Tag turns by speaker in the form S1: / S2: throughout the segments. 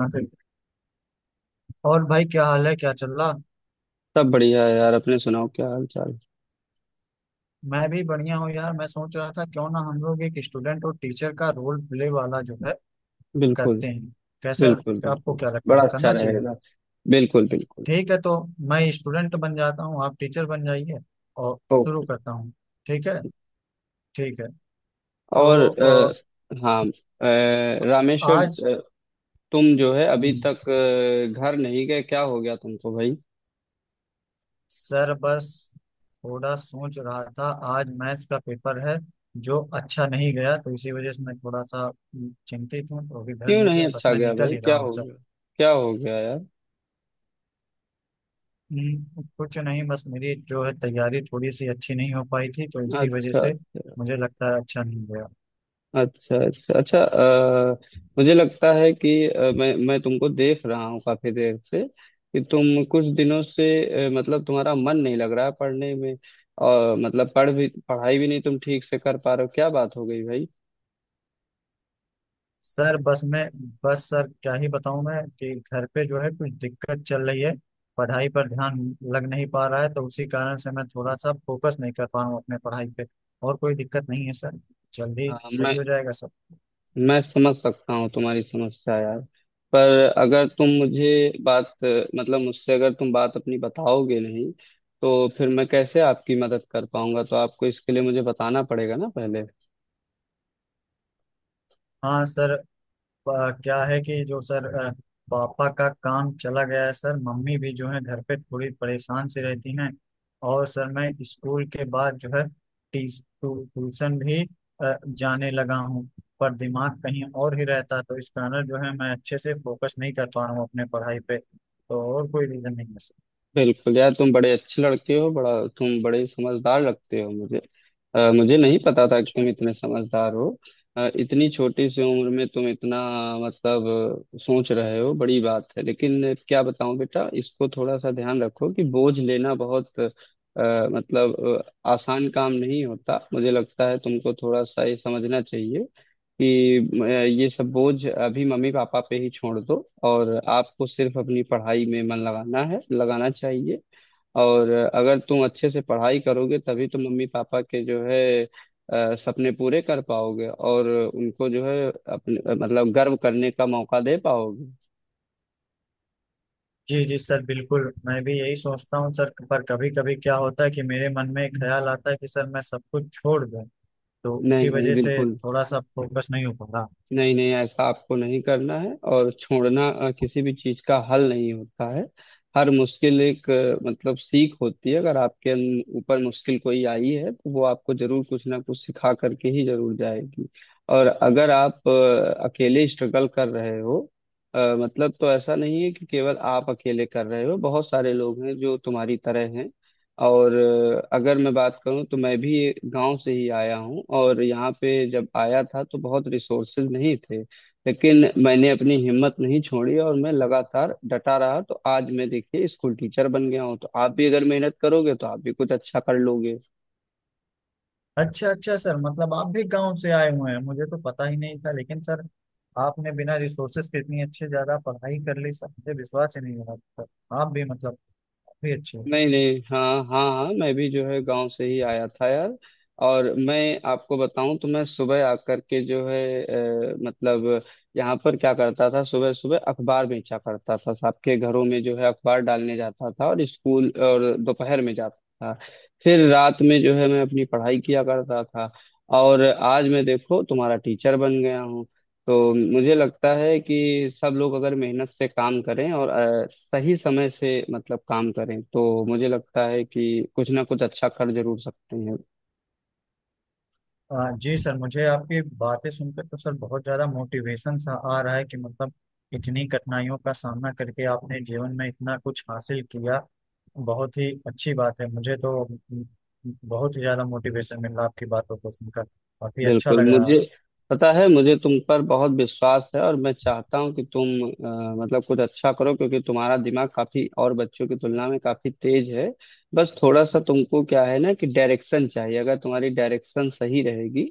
S1: हाँ, ठीक। है। और भाई, क्या हाल है? क्या चल रहा।
S2: सब बढ़िया है यार। अपने सुनाओ क्या हाल चाल।
S1: मैं भी बढ़िया हूँ यार। मैं सोच रहा था क्यों ना हम लोग एक स्टूडेंट और टीचर का रोल प्ले वाला जो है
S2: बिल्कुल
S1: करते हैं। कैसा?
S2: बिल्कुल
S1: आपको
S2: बिल्कुल।
S1: क्या लगता
S2: बड़ा
S1: है,
S2: अच्छा
S1: करना चाहिए?
S2: रहेगा। बिल्कुल बिल्कुल।
S1: ठीक है तो मैं स्टूडेंट बन जाता हूँ, आप टीचर बन जाइए और
S2: ओ।
S1: शुरू करता हूँ। ठीक है। ठीक है।
S2: और
S1: तो
S2: हाँ रामेश्वर,
S1: आज।
S2: अ, तुम जो है अभी
S1: हम्म,
S2: तक घर नहीं गए, क्या हो गया तुमको भाई।
S1: सर बस थोड़ा सोच रहा था। आज मैथ्स का पेपर है जो अच्छा नहीं गया, तो इसी वजह से मैं थोड़ा सा चिंतित हूँ, तो अभी घर
S2: क्यों
S1: नहीं
S2: नहीं
S1: गया, बस
S2: अच्छा
S1: मैं
S2: गया
S1: निकल
S2: भाई,
S1: ही रहा
S2: क्या
S1: हूँ।
S2: हो गया? क्या हो गया यार?
S1: कुछ नहीं, बस मेरी जो है तैयारी थोड़ी सी अच्छी नहीं हो पाई थी तो इसी वजह
S2: अच्छा
S1: से मुझे लगता है अच्छा नहीं गया।
S2: अच्छा अच्छा अच्छा। मुझे लगता है कि मैं तुमको देख रहा हूँ काफी देर से कि तुम कुछ दिनों से मतलब तुम्हारा मन नहीं लग रहा है पढ़ने में। और मतलब पढ़ भी पढ़ाई भी नहीं तुम ठीक से कर पा रहे हो। क्या बात हो गई भाई?
S1: सर बस मैं बस सर क्या ही बताऊं मैं कि घर पे जो है कुछ दिक्कत चल रही है। पढ़ाई पर ध्यान लग नहीं पा रहा है तो उसी कारण से मैं थोड़ा सा फोकस नहीं कर पा रहा हूँ अपने पढ़ाई पे। और कोई दिक्कत नहीं है सर, जल्दी
S2: हाँ,
S1: सही
S2: मैं
S1: हो जाएगा सर।
S2: मैं समझ सकता हूँ तुम्हारी समस्या यार। पर अगर तुम मुझे बात मतलब मुझसे अगर तुम बात अपनी बताओगे नहीं, तो फिर मैं कैसे आपकी मदद कर पाऊंगा? तो आपको इसके लिए मुझे बताना पड़ेगा ना पहले।
S1: हाँ सर, क्या है कि जो सर पापा का काम चला गया है सर, मम्मी भी जो है घर पे थोड़ी परेशान सी रहती हैं। और सर मैं स्कूल के बाद जो है टी ट्यूशन भी जाने लगा हूँ, पर दिमाग कहीं और ही रहता है, तो इस कारण जो है मैं अच्छे से फोकस नहीं कर पा रहा हूँ अपने पढ़ाई पे। तो और कोई रीजन नहीं है सर।
S2: बिल्कुल यार, तुम बड़े अच्छे लड़के हो। बड़ा तुम बड़े समझदार लगते हो मुझे। मुझे नहीं पता था कि तुम इतने समझदार हो। इतनी छोटी सी उम्र में तुम इतना मतलब सोच रहे हो, बड़ी बात है। लेकिन क्या बताऊं बेटा, इसको थोड़ा सा ध्यान रखो कि बोझ लेना बहुत मतलब आसान काम नहीं होता। मुझे लगता है तुमको थोड़ा सा ये समझना चाहिए कि ये सब बोझ अभी मम्मी पापा पे ही छोड़ दो और आपको सिर्फ अपनी पढ़ाई में मन लगाना है, लगाना चाहिए। और अगर तुम अच्छे से पढ़ाई करोगे तभी तुम मम्मी पापा के जो है सपने पूरे कर पाओगे और उनको जो है अपने मतलब गर्व करने का मौका दे पाओगे।
S1: जी जी सर बिल्कुल, मैं भी यही सोचता हूँ सर, पर कभी कभी क्या होता है कि मेरे मन में एक ख्याल आता है कि सर मैं सब कुछ छोड़ दूँ, तो उसी
S2: नहीं नहीं
S1: वजह से
S2: बिल्कुल।
S1: थोड़ा सा फोकस नहीं हो पा रहा।
S2: नहीं नहीं, ऐसा आपको नहीं करना है। और छोड़ना किसी भी चीज का हल नहीं होता है। हर मुश्किल एक मतलब सीख होती है। अगर आपके ऊपर मुश्किल कोई आई है तो वो आपको जरूर कुछ ना कुछ सिखा करके ही जरूर जाएगी। और अगर आप अकेले स्ट्रगल कर रहे हो, मतलब तो ऐसा नहीं है कि केवल आप अकेले कर रहे हो, बहुत सारे लोग हैं जो तुम्हारी तरह हैं। और अगर मैं बात करूं तो मैं भी गांव से ही आया हूं, और यहाँ पे जब आया था तो बहुत रिसोर्सेज नहीं थे। लेकिन मैंने अपनी हिम्मत नहीं छोड़ी और मैं लगातार डटा रहा, तो आज मैं देखिए स्कूल टीचर बन गया हूं। तो आप भी अगर मेहनत करोगे तो आप भी कुछ अच्छा कर लोगे।
S1: अच्छा अच्छा सर, मतलब आप भी गांव से आए हुए हैं? मुझे तो पता ही नहीं था। लेकिन सर, आपने बिना रिसोर्सेस के इतनी अच्छे ज्यादा पढ़ाई कर ली सर, मुझे विश्वास ही नहीं हो रहा था। आप भी मतलब काफी अच्छे हो।
S2: नहीं नहीं, हाँ हाँ हाँ, मैं भी जो है गांव से ही आया था यार। और मैं आपको बताऊं तो मैं सुबह आकर के जो है मतलब यहाँ पर क्या करता था, सुबह सुबह अखबार बेचा करता था, सबके घरों में जो है अखबार डालने जाता था, और स्कूल और दोपहर में जाता था, फिर रात में जो है मैं अपनी पढ़ाई किया करता था। और आज मैं देखो तुम्हारा टीचर बन गया हूँ। तो मुझे लगता है कि सब लोग अगर मेहनत से काम करें और सही समय से मतलब काम करें तो मुझे लगता है कि कुछ ना कुछ अच्छा कर जरूर सकते हैं।
S1: जी सर, मुझे आपकी बातें सुनकर तो सर बहुत ज़्यादा मोटिवेशन सा आ रहा है कि मतलब इतनी कठिनाइयों का सामना करके आपने जीवन में इतना कुछ हासिल किया, बहुत ही अच्छी बात है। मुझे तो म, बहुत ही ज़्यादा मोटिवेशन मिल रहा आपकी बातों को सुनकर, काफ़ी अच्छा
S2: बिल्कुल,
S1: लग रहा।
S2: मुझे पता है, मुझे तुम पर बहुत विश्वास है और मैं चाहता हूँ कि तुम मतलब कुछ अच्छा करो क्योंकि तुम्हारा दिमाग काफी और बच्चों की तुलना में काफी तेज है। बस थोड़ा सा तुमको क्या है ना कि डायरेक्शन चाहिए। अगर तुम्हारी डायरेक्शन सही रहेगी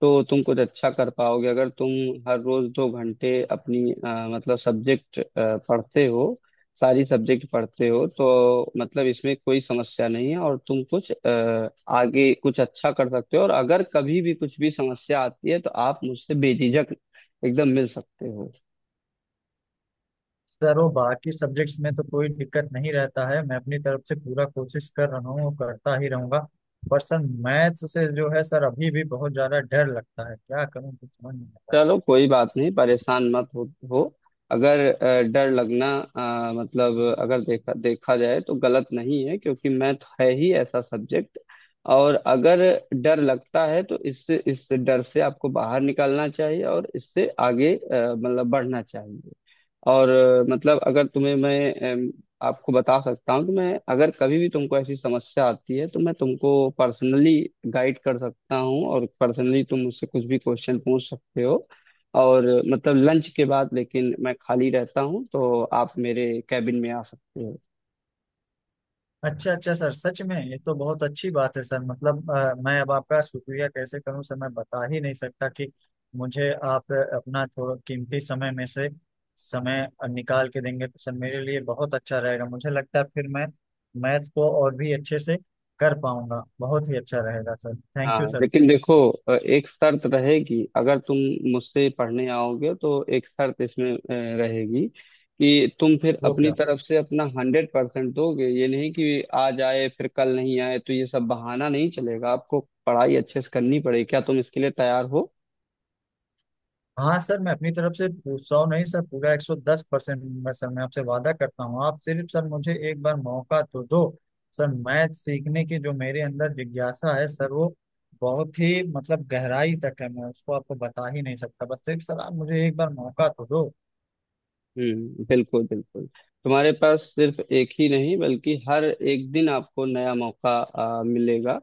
S2: तो तुम कुछ अच्छा कर पाओगे। अगर तुम हर रोज 2 घंटे अपनी मतलब सब्जेक्ट पढ़ते हो, सारी सब्जेक्ट पढ़ते हो तो मतलब इसमें कोई समस्या नहीं है और तुम कुछ आगे कुछ अच्छा कर सकते हो। और अगर कभी भी कुछ भी समस्या आती है तो आप मुझसे बेझिझक एकदम मिल सकते हो।
S1: सर वो बाकी सब्जेक्ट्स में तो कोई दिक्कत नहीं रहता है, मैं अपनी तरफ से पूरा कोशिश कर रहा हूँ, करता ही रहूंगा। पर सर, मैथ्स से जो है सर अभी भी बहुत ज़्यादा डर लगता है, क्या करूँ, कुछ समझ नहीं आता है।
S2: चलो कोई बात नहीं, परेशान मत हो। अगर डर लगना मतलब अगर देखा देखा जाए तो गलत नहीं है, क्योंकि मैथ है ही ऐसा सब्जेक्ट। और अगर डर लगता है तो इससे इस डर से आपको बाहर निकलना चाहिए और इससे आगे मतलब बढ़ना चाहिए। और मतलब अगर तुम्हें मैं आपको बता सकता हूँ कि मैं अगर कभी भी तुमको ऐसी समस्या आती है तो मैं तुमको पर्सनली गाइड कर सकता हूँ और पर्सनली तुम मुझसे कुछ भी क्वेश्चन पूछ सकते हो। और मतलब लंच के बाद लेकिन मैं खाली रहता हूँ तो आप मेरे कैबिन में आ सकते हो।
S1: अच्छा अच्छा सर, सच में ये तो बहुत अच्छी बात है सर, मतलब मैं अब आपका शुक्रिया कैसे करूं सर, मैं बता ही नहीं सकता कि मुझे आप अपना थोड़ा कीमती समय में से समय निकाल के देंगे तो सर मेरे लिए बहुत अच्छा रहेगा। मुझे लगता है फिर मैं मैथ को और भी अच्छे से कर पाऊंगा। बहुत ही अच्छा रहेगा सर,
S2: हाँ
S1: थैंक यू सर।
S2: लेकिन देखो एक शर्त रहेगी। अगर तुम मुझसे पढ़ने आओगे तो एक शर्त इसमें रहेगी कि तुम फिर
S1: वो
S2: अपनी
S1: क्या।
S2: तरफ से अपना 100% दोगे। ये नहीं कि आज आए फिर कल नहीं आए, तो ये सब बहाना नहीं चलेगा। आपको पढ़ाई अच्छे से करनी पड़ेगी। क्या तुम इसके लिए तैयार हो?
S1: हाँ सर, मैं अपनी तरफ से 100 नहीं सर, पूरा 110% मैं सर, मैं आपसे वादा करता हूँ, आप सिर्फ सर मुझे एक बार मौका तो दो। सर मैथ सीखने की जो मेरे अंदर जिज्ञासा है सर, वो बहुत ही मतलब गहराई तक है, मैं उसको आपको बता ही नहीं सकता, बस सिर्फ सर आप मुझे एक बार मौका तो दो।
S2: हम्म, बिल्कुल बिल्कुल। तुम्हारे पास सिर्फ एक ही नहीं बल्कि हर एक दिन आपको नया मौका मिलेगा।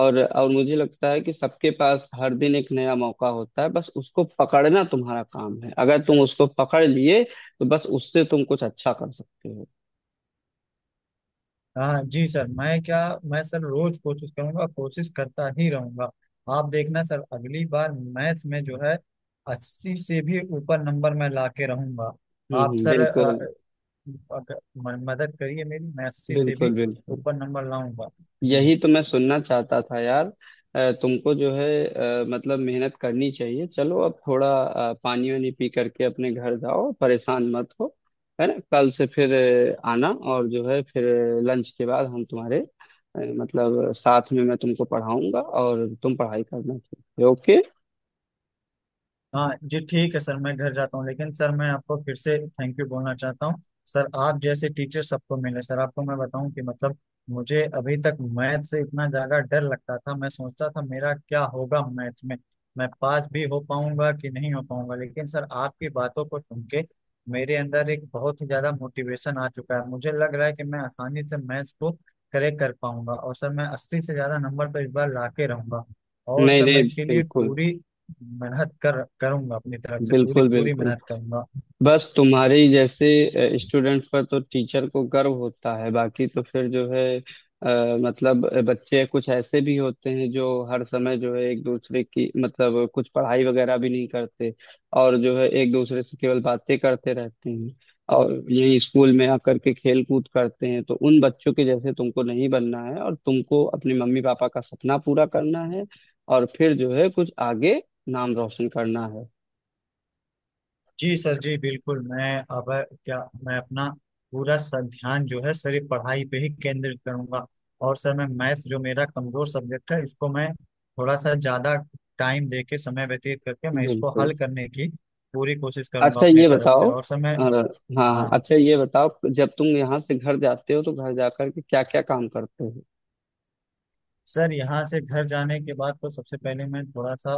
S2: और मुझे लगता है कि सबके पास हर दिन एक नया मौका होता है, बस उसको पकड़ना तुम्हारा काम है। अगर तुम उसको पकड़ लिए तो बस उससे तुम कुछ अच्छा कर सकते हो।
S1: हाँ जी सर, मैं क्या, मैं सर रोज कोशिश करूंगा, कोशिश करता ही रहूंगा। आप देखना सर, अगली बार मैथ्स में जो है 80 से भी ऊपर नंबर मैं लाके रहूंगा। आप सर
S2: बिल्कुल
S1: अगर मदद करिए मेरी, मैं 80 से
S2: बिल्कुल।
S1: भी
S2: बिल्कुल,
S1: ऊपर नंबर लाऊंगा।
S2: यही तो मैं सुनना चाहता था यार। तुमको जो है मतलब मेहनत करनी चाहिए। चलो अब थोड़ा पानी वानी पी करके अपने घर जाओ, परेशान मत हो, है ना? कल से फिर आना और जो है फिर लंच के बाद हम तुम्हारे मतलब साथ में मैं तुमको पढ़ाऊंगा और तुम पढ़ाई करना। ठीक है? ओके।
S1: हाँ जी ठीक है सर, मैं घर जाता हूँ लेकिन सर मैं आपको फिर से थैंक यू बोलना चाहता हूँ सर। आप जैसे टीचर सबको मिले सर। आपको मैं बताऊं कि मतलब मुझे अभी तक मैथ से इतना ज्यादा डर लगता था, मैं सोचता था मेरा क्या होगा मैथ में, मैं पास भी हो पाऊंगा कि नहीं हो पाऊंगा। लेकिन सर आपकी बातों को सुन के मेरे अंदर एक बहुत ही ज्यादा मोटिवेशन आ चुका है, मुझे लग रहा है कि मैं आसानी से मैथ्स को करेक्ट कर पाऊंगा, और सर मैं अस्सी से ज्यादा नंबर पर इस बार ला के रहूंगा। और
S2: नहीं
S1: सर मैं
S2: नहीं
S1: इसके लिए
S2: बिल्कुल
S1: पूरी मेहनत कर करूंगा, अपनी तरफ से पूरी
S2: बिल्कुल
S1: पूरी
S2: बिल्कुल।
S1: मेहनत करूंगा।
S2: बस तुम्हारे ही जैसे स्टूडेंट पर तो टीचर को गर्व होता है। बाकी तो फिर जो है मतलब बच्चे कुछ ऐसे भी होते हैं जो हर समय जो है एक दूसरे की मतलब कुछ पढ़ाई वगैरह भी नहीं करते, और जो है एक दूसरे से केवल बातें करते रहते हैं, और यही स्कूल में आकर के खेल कूद करते हैं। तो उन बच्चों के जैसे तुमको नहीं बनना है, और तुमको अपने मम्मी पापा का सपना पूरा करना है, और फिर जो है कुछ आगे नाम रोशन करना है।
S1: जी सर जी बिल्कुल, मैं अब क्या, मैं अपना पूरा ध्यान जो है सर ये पढ़ाई पे ही केंद्रित करूंगा, और सर मैं मैथ्स जो मेरा कमजोर सब्जेक्ट है इसको मैं थोड़ा सा ज्यादा टाइम दे के समय व्यतीत करके मैं इसको
S2: बिल्कुल।
S1: हल करने की पूरी कोशिश करूंगा
S2: अच्छा
S1: अपनी
S2: ये
S1: तरफ से।
S2: बताओ,
S1: और सर मैं
S2: हाँ, हाँ,
S1: हाँ
S2: अच्छा ये बताओ, जब तुम यहाँ से घर जाते हो तो घर जाकर के क्या क्या काम करते हो?
S1: सर, यहाँ से घर जाने के बाद तो सबसे पहले मैं थोड़ा सा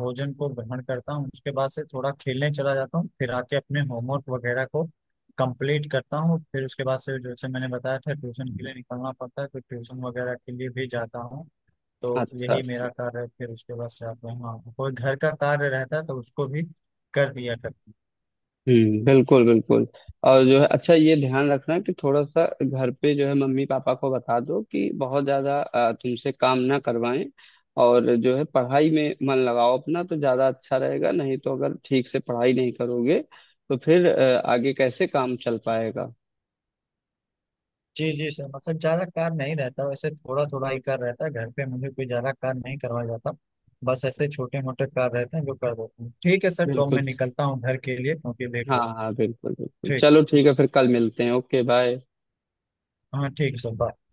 S1: भोजन को ग्रहण करता हूँ, उसके बाद से थोड़ा खेलने चला जाता हूँ, फिर आके अपने होमवर्क वगैरह को कंप्लीट करता हूँ, फिर उसके बाद से जैसे मैंने बताया था ट्यूशन के लिए निकलना पड़ता है तो ट्यूशन वगैरह के लिए भी जाता हूँ। तो
S2: अच्छा
S1: यही
S2: अच्छा।
S1: मेरा कार्य है, फिर उसके बाद से आता हूँ। हाँ, कोई घर का कार्य रहता है तो उसको भी कर दिया करता हूँ।
S2: हम्म, बिल्कुल बिल्कुल। और जो है अच्छा ये ध्यान रखना कि थोड़ा सा घर पे जो है मम्मी पापा को बता दो कि बहुत ज्यादा तुमसे काम ना करवाएं। और जो है पढ़ाई में मन लगाओ अपना तो ज्यादा अच्छा रहेगा। नहीं तो अगर ठीक से पढ़ाई नहीं करोगे तो फिर आगे कैसे काम चल पाएगा?
S1: जी जी सर, मतलब ज्यादा कार नहीं रहता, वैसे थोड़ा थोड़ा ही कार रहता है घर पे, मुझे कोई ज्यादा कार नहीं करवाया जाता, बस ऐसे छोटे मोटे कार रहते हैं जो कर देते हैं। ठीक है सर, तो मैं
S2: बिल्कुल।
S1: निकलता हूँ घर के लिए क्योंकि लेट हो
S2: हाँ
S1: रहा हूँ।
S2: हाँ बिल्कुल बिल्कुल,
S1: ठीक।
S2: चलो ठीक है, फिर कल मिलते हैं। Okay bye.
S1: हाँ ठीक है सर, बाय।